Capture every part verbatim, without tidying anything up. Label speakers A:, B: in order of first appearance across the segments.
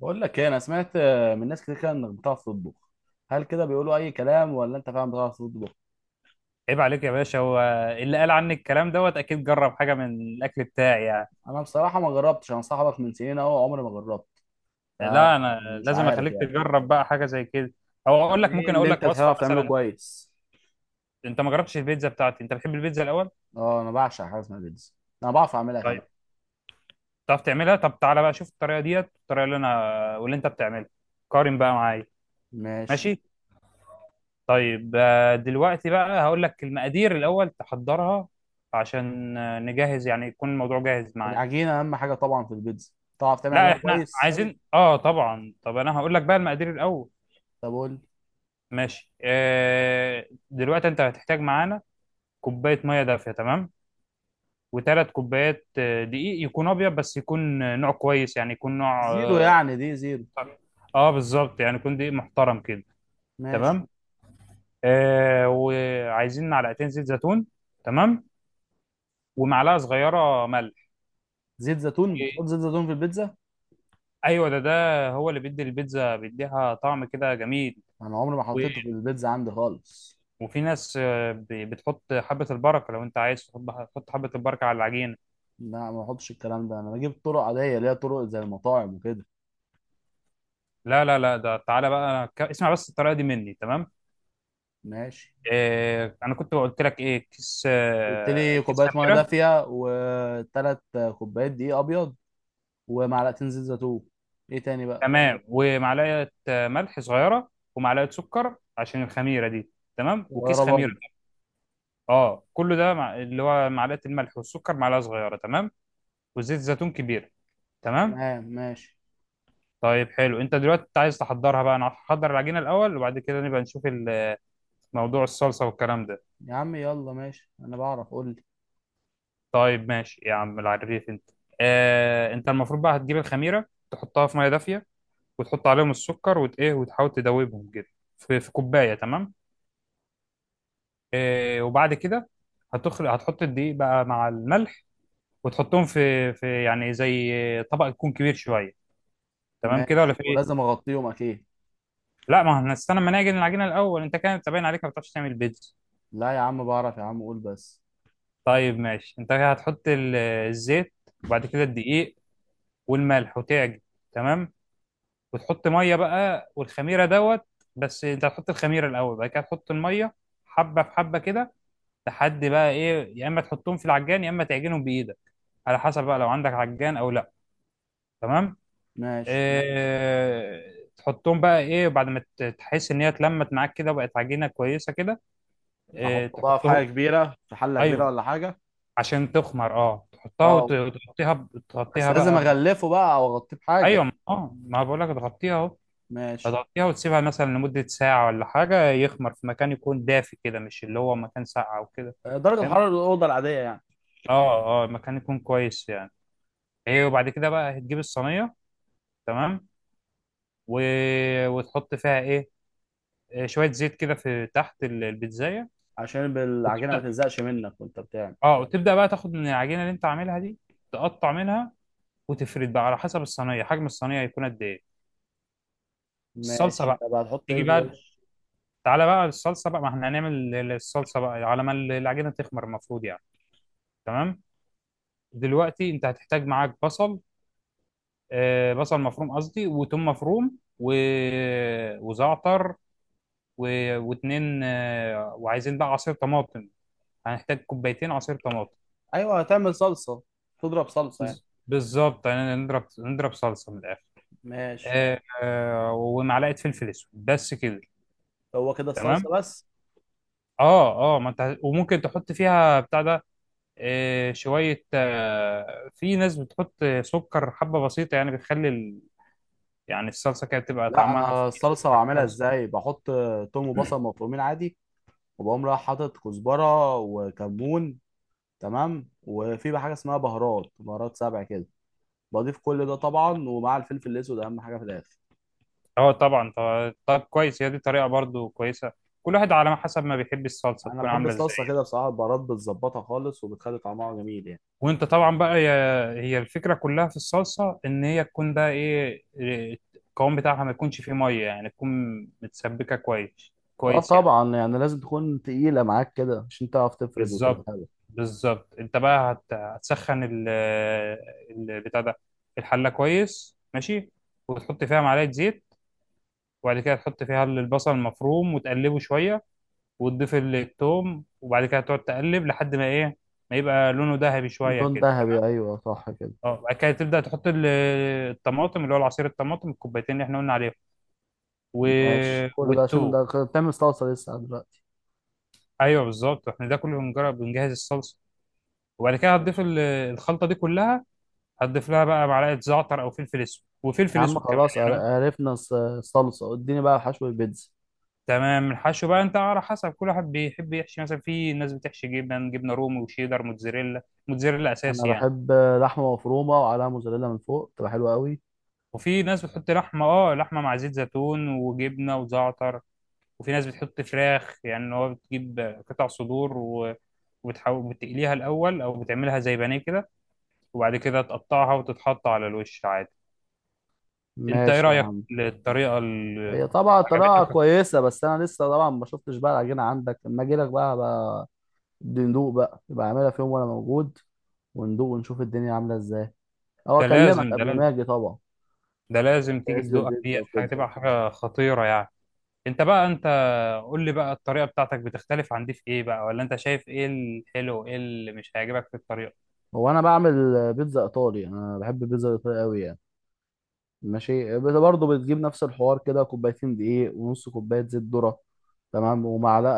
A: بقول لك ايه، انا سمعت آه، من ناس كتير كده انك بتعرف تطبخ. هل كده بيقولوا اي كلام ولا انت فعلا بتعرف تطبخ؟
B: عيب عليك يا باشا. هو اللي قال عني الكلام دوت اكيد جرب حاجه من الاكل بتاعي يعني.
A: انا بصراحه ما جربتش، انا صاحبك من سنين اهو عمري ما جربت،
B: لا انا
A: فمش
B: لازم
A: عارف
B: اخليك
A: يعني.
B: تجرب بقى حاجه زي كده، او اقول
A: طب
B: لك
A: ايه
B: ممكن اقول
A: اللي انت
B: لك وصفه
A: بتعرف تعمله
B: مثلا.
A: كويس؟
B: انت ما جربتش البيتزا بتاعتي؟ انت بتحب البيتزا الاول؟
A: اه انا بعشق حاجه اسمها بيتزا، انا بعرف اعملها كمان.
B: طيب تعرف تعملها؟ طب تعالى بقى شوف الطريقه ديت، الطريقه اللي انا واللي انت بتعملها، قارن بقى معايا.
A: ماشي.
B: ماشي. طيب، آه، دلوقتي بقى هقول لك المقادير الاول تحضرها، عشان آه، نجهز يعني، يكون الموضوع جاهز معانا.
A: العجينه اهم حاجه طبعا في البيتزا، تعرف تعمل
B: لا
A: عجينه
B: احنا
A: كويس؟
B: عايزين اه طبعا. طب انا هقول لك بقى المقادير الاول.
A: طب قول لي.
B: ماشي. آه، دلوقتي انت هتحتاج معانا كوبايه ميه دافيه، تمام. وثلاث كوبايات آه، دقيق، يكون ابيض، بس يكون آه، نوع كويس، يعني يكون نوع
A: زيرو
B: اه
A: يعني؟ دي زيرو.
B: آه، بالظبط، يعني يكون دقيق محترم كده.
A: ماشي.
B: تمام. آه، وعايزين معلقتين زيت زيتون. تمام. ومعلقه صغيره ملح.
A: زيت زيتون؟
B: و-
A: تحط زيت زيتون في البيتزا؟
B: ايوه، ده ده هو اللي بيدي البيتزا، بيديها طعم كده جميل.
A: انا عمري ما
B: و-
A: حطيته في البيتزا عندي خالص.
B: وفي ناس آه، ب- بتحط حبه البركه، لو انت عايز تحط، تحط حبه البركه على العجينه.
A: لا ما بحطش الكلام ده، انا بجيب طرق عاديه اللي هي طرق زي المطاعم وكده.
B: لا لا لا، ده تعالى بقى، أنا ك- اسمع بس الطريقه دي مني. تمام.
A: ماشي.
B: إيه، انا كنت قلت لك ايه؟ كيس
A: قلت
B: آه،
A: لي
B: كيس
A: كوبايه ميه
B: خميره
A: دافيه، وثلاث كوبايات دقيق ابيض، ومعلقتين زيت زيتون. ايه تاني بقى؟
B: تمام. ومعلقه آه، ملح صغيره. ومعلقه سكر عشان الخميره دي. تمام. وكيس
A: صغيره
B: خميره.
A: برضه؟
B: اه، كله ده مع... اللي هو معلقه الملح والسكر معلقه صغيره، تمام. وزيت زيتون كبير. تمام.
A: تمام ماشي.
B: طيب حلو. انت دلوقتي عايز تحضرها بقى، انا هحضر العجينه الاول، وبعد كده نبقى نشوف ال- موضوع الصلصه والكلام ده.
A: يا عم يلا ماشي، انا بعرف، قول لي.
B: طيب ماشي يا عم العريف انت. آه، انت المفروض بقى هتجيب الخميره، تحطها في ميه دافيه، وتحط عليهم السكر وت ايه وتحاول تدوبهم كده في في كوبايه، تمام. آه، وبعد كده هتخلق هتحط الدقيق بقى مع الملح، وتحطهم في في يعني زي طبق يكون كبير شويه، تمام كده ولا
A: ماشي،
B: في ايه؟
A: ولازم اغطيهم اكيد؟
B: لا، ما احنا هنستنى ما نعجن العجينه الاول. انت كده، انت باين عليك ما بتعرفش تعمل بيتزا.
A: لا يا عم بعرف يا عم، قول بس.
B: طيب ماشي، انت هتحط ال- الزيت، وبعد كده الدقيق والملح، وتعجن، تمام. وتحط ميه بقى والخميره دوت، بس انت هتحط الخميره الاول، بعد كده تحط الميه، حبه في حبه كده، لحد بقى ايه، يا اما تحطهم في العجان، يا اما تعجنهم بايدك، على حسب بقى، لو عندك عجان او لا. تمام.
A: ماشي.
B: إيه، تحطهم بقى ايه، بعد ما ت- تحس ان هي اتلمت معاك كده وبقت عجينه كويسه كده، إيه،
A: احطه بقى في حاجه
B: تحطهم.
A: كبيره، في حله كبيره
B: ايوه،
A: ولا حاجه؟
B: عشان تخمر. اه، تحطها
A: اه.
B: وت- وتغطيها ب-
A: بس
B: تغطيها
A: لازم
B: بقى ب-
A: اغلفه بقى او اغطيه بحاجه؟
B: ايوه ما- اه ما بقول لك تغطيها اهو.
A: ماشي.
B: هتغطيها وتسيبها مثلا لمدة ساعة ولا حاجة، يخمر في مكان يكون دافي كده، مش اللي هو مكان ساقع أو كده.
A: درجه
B: فاهم؟
A: حراره الاوضه العاديه يعني؟
B: اه اه، مكان يكون كويس يعني. ايه، وبعد كده بقى هتجيب الصينية، تمام. و... وتحط فيها ايه؟ آه، شوية زيت كده في تحت ال- البيتزاية،
A: عشان العجينه ما
B: وتبدأ.
A: تلزقش منك وانت بتعمل.
B: اه، وتبدأ بقى تاخد من العجينة اللي انت عاملها دي، تقطع منها، وتفرد بقى على حسب الصينية، حجم الصينية هيكون قد ايه. الصلصة
A: ماشي.
B: بقى،
A: طب هتحط
B: تيجي
A: ايه في
B: بقى،
A: الوش؟
B: تعالى بقى الصلصة بقى، ما احنا هنعمل ال- الصلصة بقى على ما العجينة تخمر المفروض، يعني. تمام. دلوقتي انت هتحتاج معاك بصل، آه، بصل مفروم قصدي، وتوم مفروم، و... وزعتر، و... واتنين، آه، وعايزين بقى عصير طماطم. هنحتاج كوبايتين عصير طماطم.
A: ايوه، هتعمل صلصه؟ تضرب صلصه يعني؟
B: بز- بالظبط، يعني نضرب نضرب صلصة من الآخر.
A: ماشي.
B: آه، آه، ومعلقة فلفل اسود بس كده.
A: هو كده
B: تمام.
A: الصلصه بس؟
B: اه اه، ما انت وممكن تحط فيها بتاع ده، آه، شوية آه، في ناس بتحط سكر حبة بسيطة، يعني بتخلي ال- يعني الصلصة كده بتبقى
A: لا
B: طعمها
A: انا
B: فيه
A: الصلصه
B: سكر
A: بعملها
B: حاجة بسيطة.
A: ازاي؟ بحط توم وبصل مفرومين عادي، وبقوم رايح حاطط كزبره وكمون. تمام، وفي بقى حاجه اسمها بهارات، بهارات سبع كده. بضيف كل ده طبعا، ومع الفلفل الاسود اهم حاجه في الاخر.
B: اه طبعا. طب، طب كويس، هي دي طريقه برضو كويسه، كل واحد على ما حسب ما بيحب الصلصه
A: انا
B: تكون
A: بحب
B: عامله ازاي.
A: الصلصه كده بصراحه، البهارات بتظبطها خالص وبتخلي طعمها جميل يعني.
B: وانت طبعا بقى، هي هي الفكره كلها في الصلصه، ان هي تكون بقى ايه، إيه، القوام بتاعها ما يكونش فيه ميه، يعني تكون متسبكه كويس،
A: اه
B: كويس يعني.
A: طبعا، يعني لازم تكون تقيلة معاك كده عشان تعرف تفرد وتبقى
B: بالظبط،
A: حلو.
B: بالظبط، انت بقى هت- هتسخن ال ال- بتاع ده، الحله كويس، ماشي. وتحط فيها معلقه زيت، وبعد كده تحط فيها البصل المفروم وتقلبه شويه، وتضيف التوم، وبعد كده تقعد تقلب لحد ما ايه، ما يبقى لونه ذهبي شويه
A: لون
B: كده، تمام.
A: ذهبي، ايوه صح كده.
B: اه، بعد كده تبدا تحط ال- الطماطم، اللي هو العصير الطماطم الكوبايتين اللي احنا قلنا عليهم، و...
A: ماشي. كل ده عشان ده
B: والتوم.
A: غ- بتعمل صلصة لسه دلوقتي؟
B: ايوه بالظبط، احنا ده كله بنجرب بنجهز الصلصه. وبعد كده هتضيف
A: ماشي.
B: ال- الخلطه دي كلها، هتضيف لها بقى معلقه زعتر او فلفل اسود،
A: يا
B: وفلفل
A: عم
B: اسود كمان
A: خلاص عر-
B: يعني.
A: عرفنا الص- الصلصة، اديني بقى حشو البيتزا.
B: تمام. الحشو بقى انت على حسب، كل واحد بيحب يحشي مثلا، في ناس بتحشي جبن، جبنه رومي وشيدر موتزاريلا، موتزاريلا
A: انا
B: اساسي يعني.
A: بحب لحمة مفرومة وعليها موزاريلا من فوق، تبقى حلوة قوي.
B: وفي ناس بتحط لحمه، اه لحمه مع زيت زيتون وجبنه وزعتر. وفي ناس بتحط فراخ، يعني إن هو بتجيب قطع صدور و... وبتحاول بتقليها الاول، او بتعملها زي بانيه كده، وبعد كده تقطعها وتتحط على الوش عادي. انت ايه
A: ماشي يا
B: رايك
A: عم.
B: للطريقه اللي
A: هي طبعا طريقة
B: عجبتك؟
A: كويسة، بس انا لسه طبعا ما شفتش بقى العجينة عندك. لما اجي لك بقى بقى ندوق بقى، يبقى اعملها في يوم وانا موجود وندوق ونشوف الدنيا عاملة ازاي. هو
B: ده
A: اكلمك
B: لازم، ده
A: قبل ما
B: لازم،
A: اجي طبعا،
B: ده لازم تيجي
A: جهز لي
B: تدوقها
A: البيتزا
B: ديت، حاجه
A: وكده.
B: تبقى حاجه خطيره يعني. انت بقى انت قول لي بقى الطريقه بتاعتك بتختلف عن دي في ايه بقى، ولا انت شايف ايه الحلو، وايه اللي مش هيعجبك في الطريقه؟
A: هو انا بعمل بيتزا ايطالي، انا بحب البيتزا الايطالي قوي يعني. ماشي بت- برضه بتجيب نفس الحوار كده، كوبايتين دقيق، ونص كوبايه زيت ذره. تمام، ومعلقه،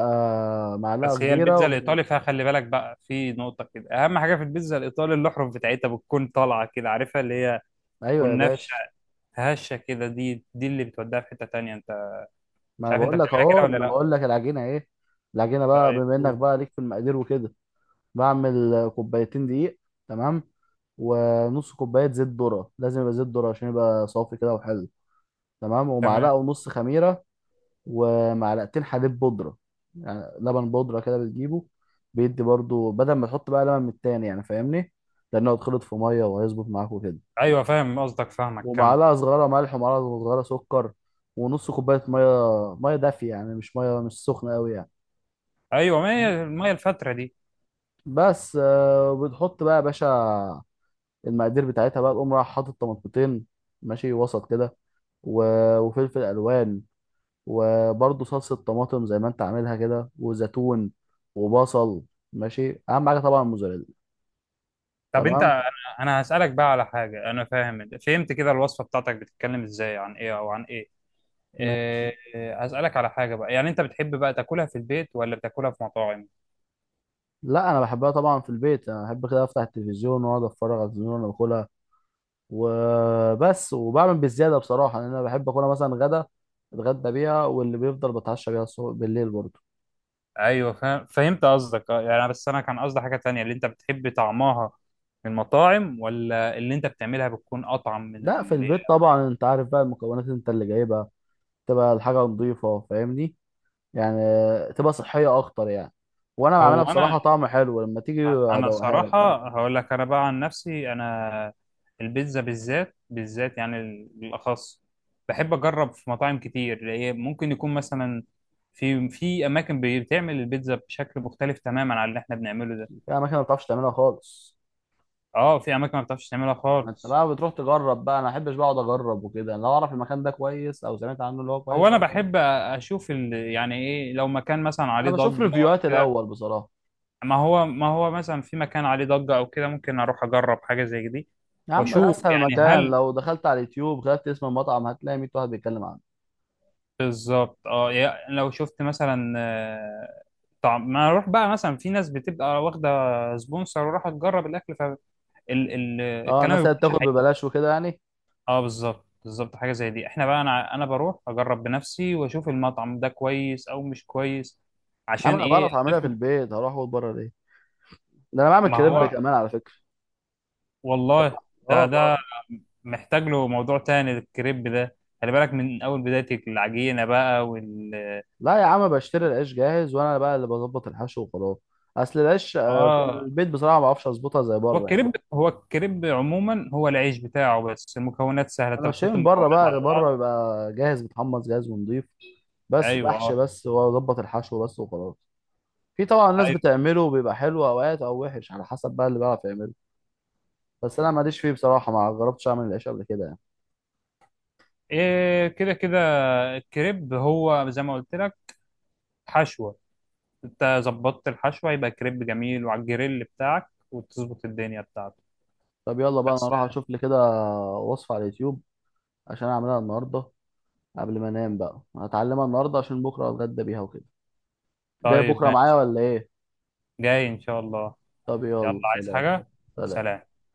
A: معلقه
B: بس هي
A: كبيره.
B: البيتزا
A: و...
B: الايطالي فيها، خلي بالك بقى في نقطه كده، اهم حاجه في البيتزا الايطالي الاحرف بتاعتها بتكون طالعه كده عارفها، اللي هي تكون
A: ايوه يا
B: نافشه،
A: باشا.
B: هشه كده، دي دي اللي بتوديها في حته تانية انت.
A: ما
B: مش
A: انا
B: عارف انت
A: بقول لك
B: بتعملها كده
A: اهو، ما
B: ولا
A: انا
B: لا.
A: بقول لك العجينه ايه. العجينه بقى،
B: طيب
A: بما انك
B: أوه.
A: بقى ليك في المقادير وكده، بعمل كوبايتين دقيق. تمام. ونص كوبايه زيت ذره، لازم يبقى زيت ذره عشان يبقى صافي كده وحلو. تمام.
B: تمام.
A: ومعلقه ونص خميره، ومعلقتين حليب بودرة، يعني لبن بودرة كده بتجيبه بيدي برضو بدل ما تحط بقى لبن من التاني، يعني فاهمني؟ لأنه هيتخلط في مية وهيظبط معاك وكده.
B: ايوه فاهم قصدك، فاهمك كمل.
A: ومعلقة صغيرة ملح، ومعلقة صغيرة سكر، ونص كوباية مية، مية دافية يعني، مش مية مش سخنة أوي يعني.
B: ايوه، ما هي ما هي الفتره دي.
A: بس آه، بتحط بقى يا باشا المقادير بتاعتها بقى، تقوم رايح حاطط طماطمتين، ماشي، وسط كده، و- وفلفل ألوان، وبرضه صلصة طماطم زي ما انت عاملها كده، وزيتون، وبصل. ماشي. اهم حاجة طبعا الموزاريلا.
B: طب انت
A: تمام.
B: انا أنا هسالك بقى على حاجه. انا فاهم فهمت كده، الوصفه بتاعتك بتتكلم ازاي عن ايه او عن ايه؟
A: ماشي.
B: إيه، هسألك على حاجة بقى، يعني أنت بتحب بقى تاكلها في البيت ولا بتاكلها في مطاعم؟
A: لا انا بحبها طبعا في البيت، انا بحب كده افتح التلفزيون واقعد اتفرج على التلفزيون وانا باكلها وبس. وبعمل بالزيادة بصراحة، لان انا بحب اكلها مثلا غدا، اتغدى بيها، واللي بيفضل بتعشى بيها الصبح بالليل برضه.
B: ايوه فاهم فهمت قصدك. اه، يعني بس انا كان قصدي حاجه تانية، اللي انت بتحب طعمها من المطاعم ولا اللي انت بتعملها بتكون اطعم من
A: لا في
B: اللي...
A: البيت طبعا، انت عارف بقى المكونات انت اللي جايبها، تبقى الحاجة نظيفة فاهمني، يعني تبقى صحيه اكتر يعني. وانا
B: هو
A: بعملها
B: انا
A: بصراحه طعم حلو، لما تيجي
B: انا
A: هدوقها لك يعني.
B: صراحه هقول لك، انا بقى عن نفسي انا، البيتزا بالذات، بالذات يعني بالاخص، بحب اجرب في مطاعم كتير، هي ممكن يكون مثلا في في اماكن بتعمل البيتزا بشكل مختلف تماما عن اللي احنا بنعمله ده.
A: في اماكن ما بتعرفش تعملها خالص.
B: اه، في اماكن ما بتعرفش تعملها
A: ما انت
B: خالص.
A: بقى بتروح تجرب بقى، انا ما احبش بقعد اجرب وكده، انا لو اعرف المكان ده كويس او سمعت عنه اللي هو
B: هو
A: كويس.
B: انا بحب اشوف ال... يعني ايه، لو مكان مثلا
A: انا
B: عليه
A: بشوف
B: ضجه أو
A: ريفيوهات
B: كده.
A: الاول بصراحه.
B: ما هو ما هو مثلا في مكان عليه ضجه او كده، ممكن اروح اجرب حاجه زي دي،
A: يا عم ده
B: واشوف
A: اسهل
B: يعني
A: مكان،
B: هل.
A: لو دخلت على اليوتيوب كتبت اسم المطعم هتلاقي ميه واحد بيتكلم عنه.
B: بالظبط، اه، يا- لو شفت مثلا آه، طعم، ما اروح بقى مثلا، في ناس بتبقى واخده سبونسر وراح تجرب الاكل،
A: اه
B: فالكلام ما
A: الناس اللي
B: بيكونش
A: بتاخد
B: حقيقي.
A: ببلاش وكده يعني.
B: اه بالظبط، بالظبط، حاجه زي دي. احنا بقى، انا انا بروح اجرب بنفسي واشوف المطعم ده كويس او مش كويس،
A: يا عم
B: عشان
A: انا
B: ايه
A: بعرف اعملها في
B: اضيفه.
A: البيت، هروح اقول بره ليه؟ ده انا بعمل
B: ما
A: كريب
B: هو
A: كمان على فكره.
B: والله. ده
A: اه.
B: ده محتاج له موضوع تاني، الكريب ده، خلي بالك من اول بداية العجينة بقى وال
A: لا يا عم بشتري العيش جاهز، وانا بقى اللي بظبط الحشو وخلاص. اصل العيش آه، في
B: اه،
A: البيت بصراحه ما بعرفش اظبطها زي
B: هو
A: بره يعني.
B: الكريب هو الكريب عموما هو العيش بتاعه، بس المكونات سهلة، انت
A: انا بشتري
B: بتحط
A: من بره
B: المكونات على
A: بقى، بره
B: بعض.
A: بيبقى جاهز متحمص جاهز ونضيف، بس
B: ايوه
A: بحشي
B: اه،
A: بس واظبط الحشو بس وخلاص. في طبعا الناس
B: ايوه.
A: بتعمله بيبقى حلو اوقات او وحش، على حسب بقى اللي بيعرف يعمله. بس انا ماليش فيه بصراحه، ما جربتش اعمل العيش قبل كده يعني.
B: إيه، كده كده الكريب، هو زي ما قلت لك، حشوة، انت ظبطت الحشوة يبقى كريب جميل، وعلى الجريل بتاعك وتظبط الدنيا بتاعته
A: طب يلا بقى،
B: بس.
A: انا راح اشوف لي كده وصفه على اليوتيوب عشان اعملها النهارده، قبل ما انام بقى هتعلمها النهارده عشان بكره اتغدى بيها وكده. جاي
B: طيب
A: بكره معايا
B: ماشي،
A: ولا ايه؟
B: جاي ان شاء الله.
A: طب
B: يلا
A: يلا
B: عايز
A: سلام.
B: حاجة؟
A: سلام.
B: سلام.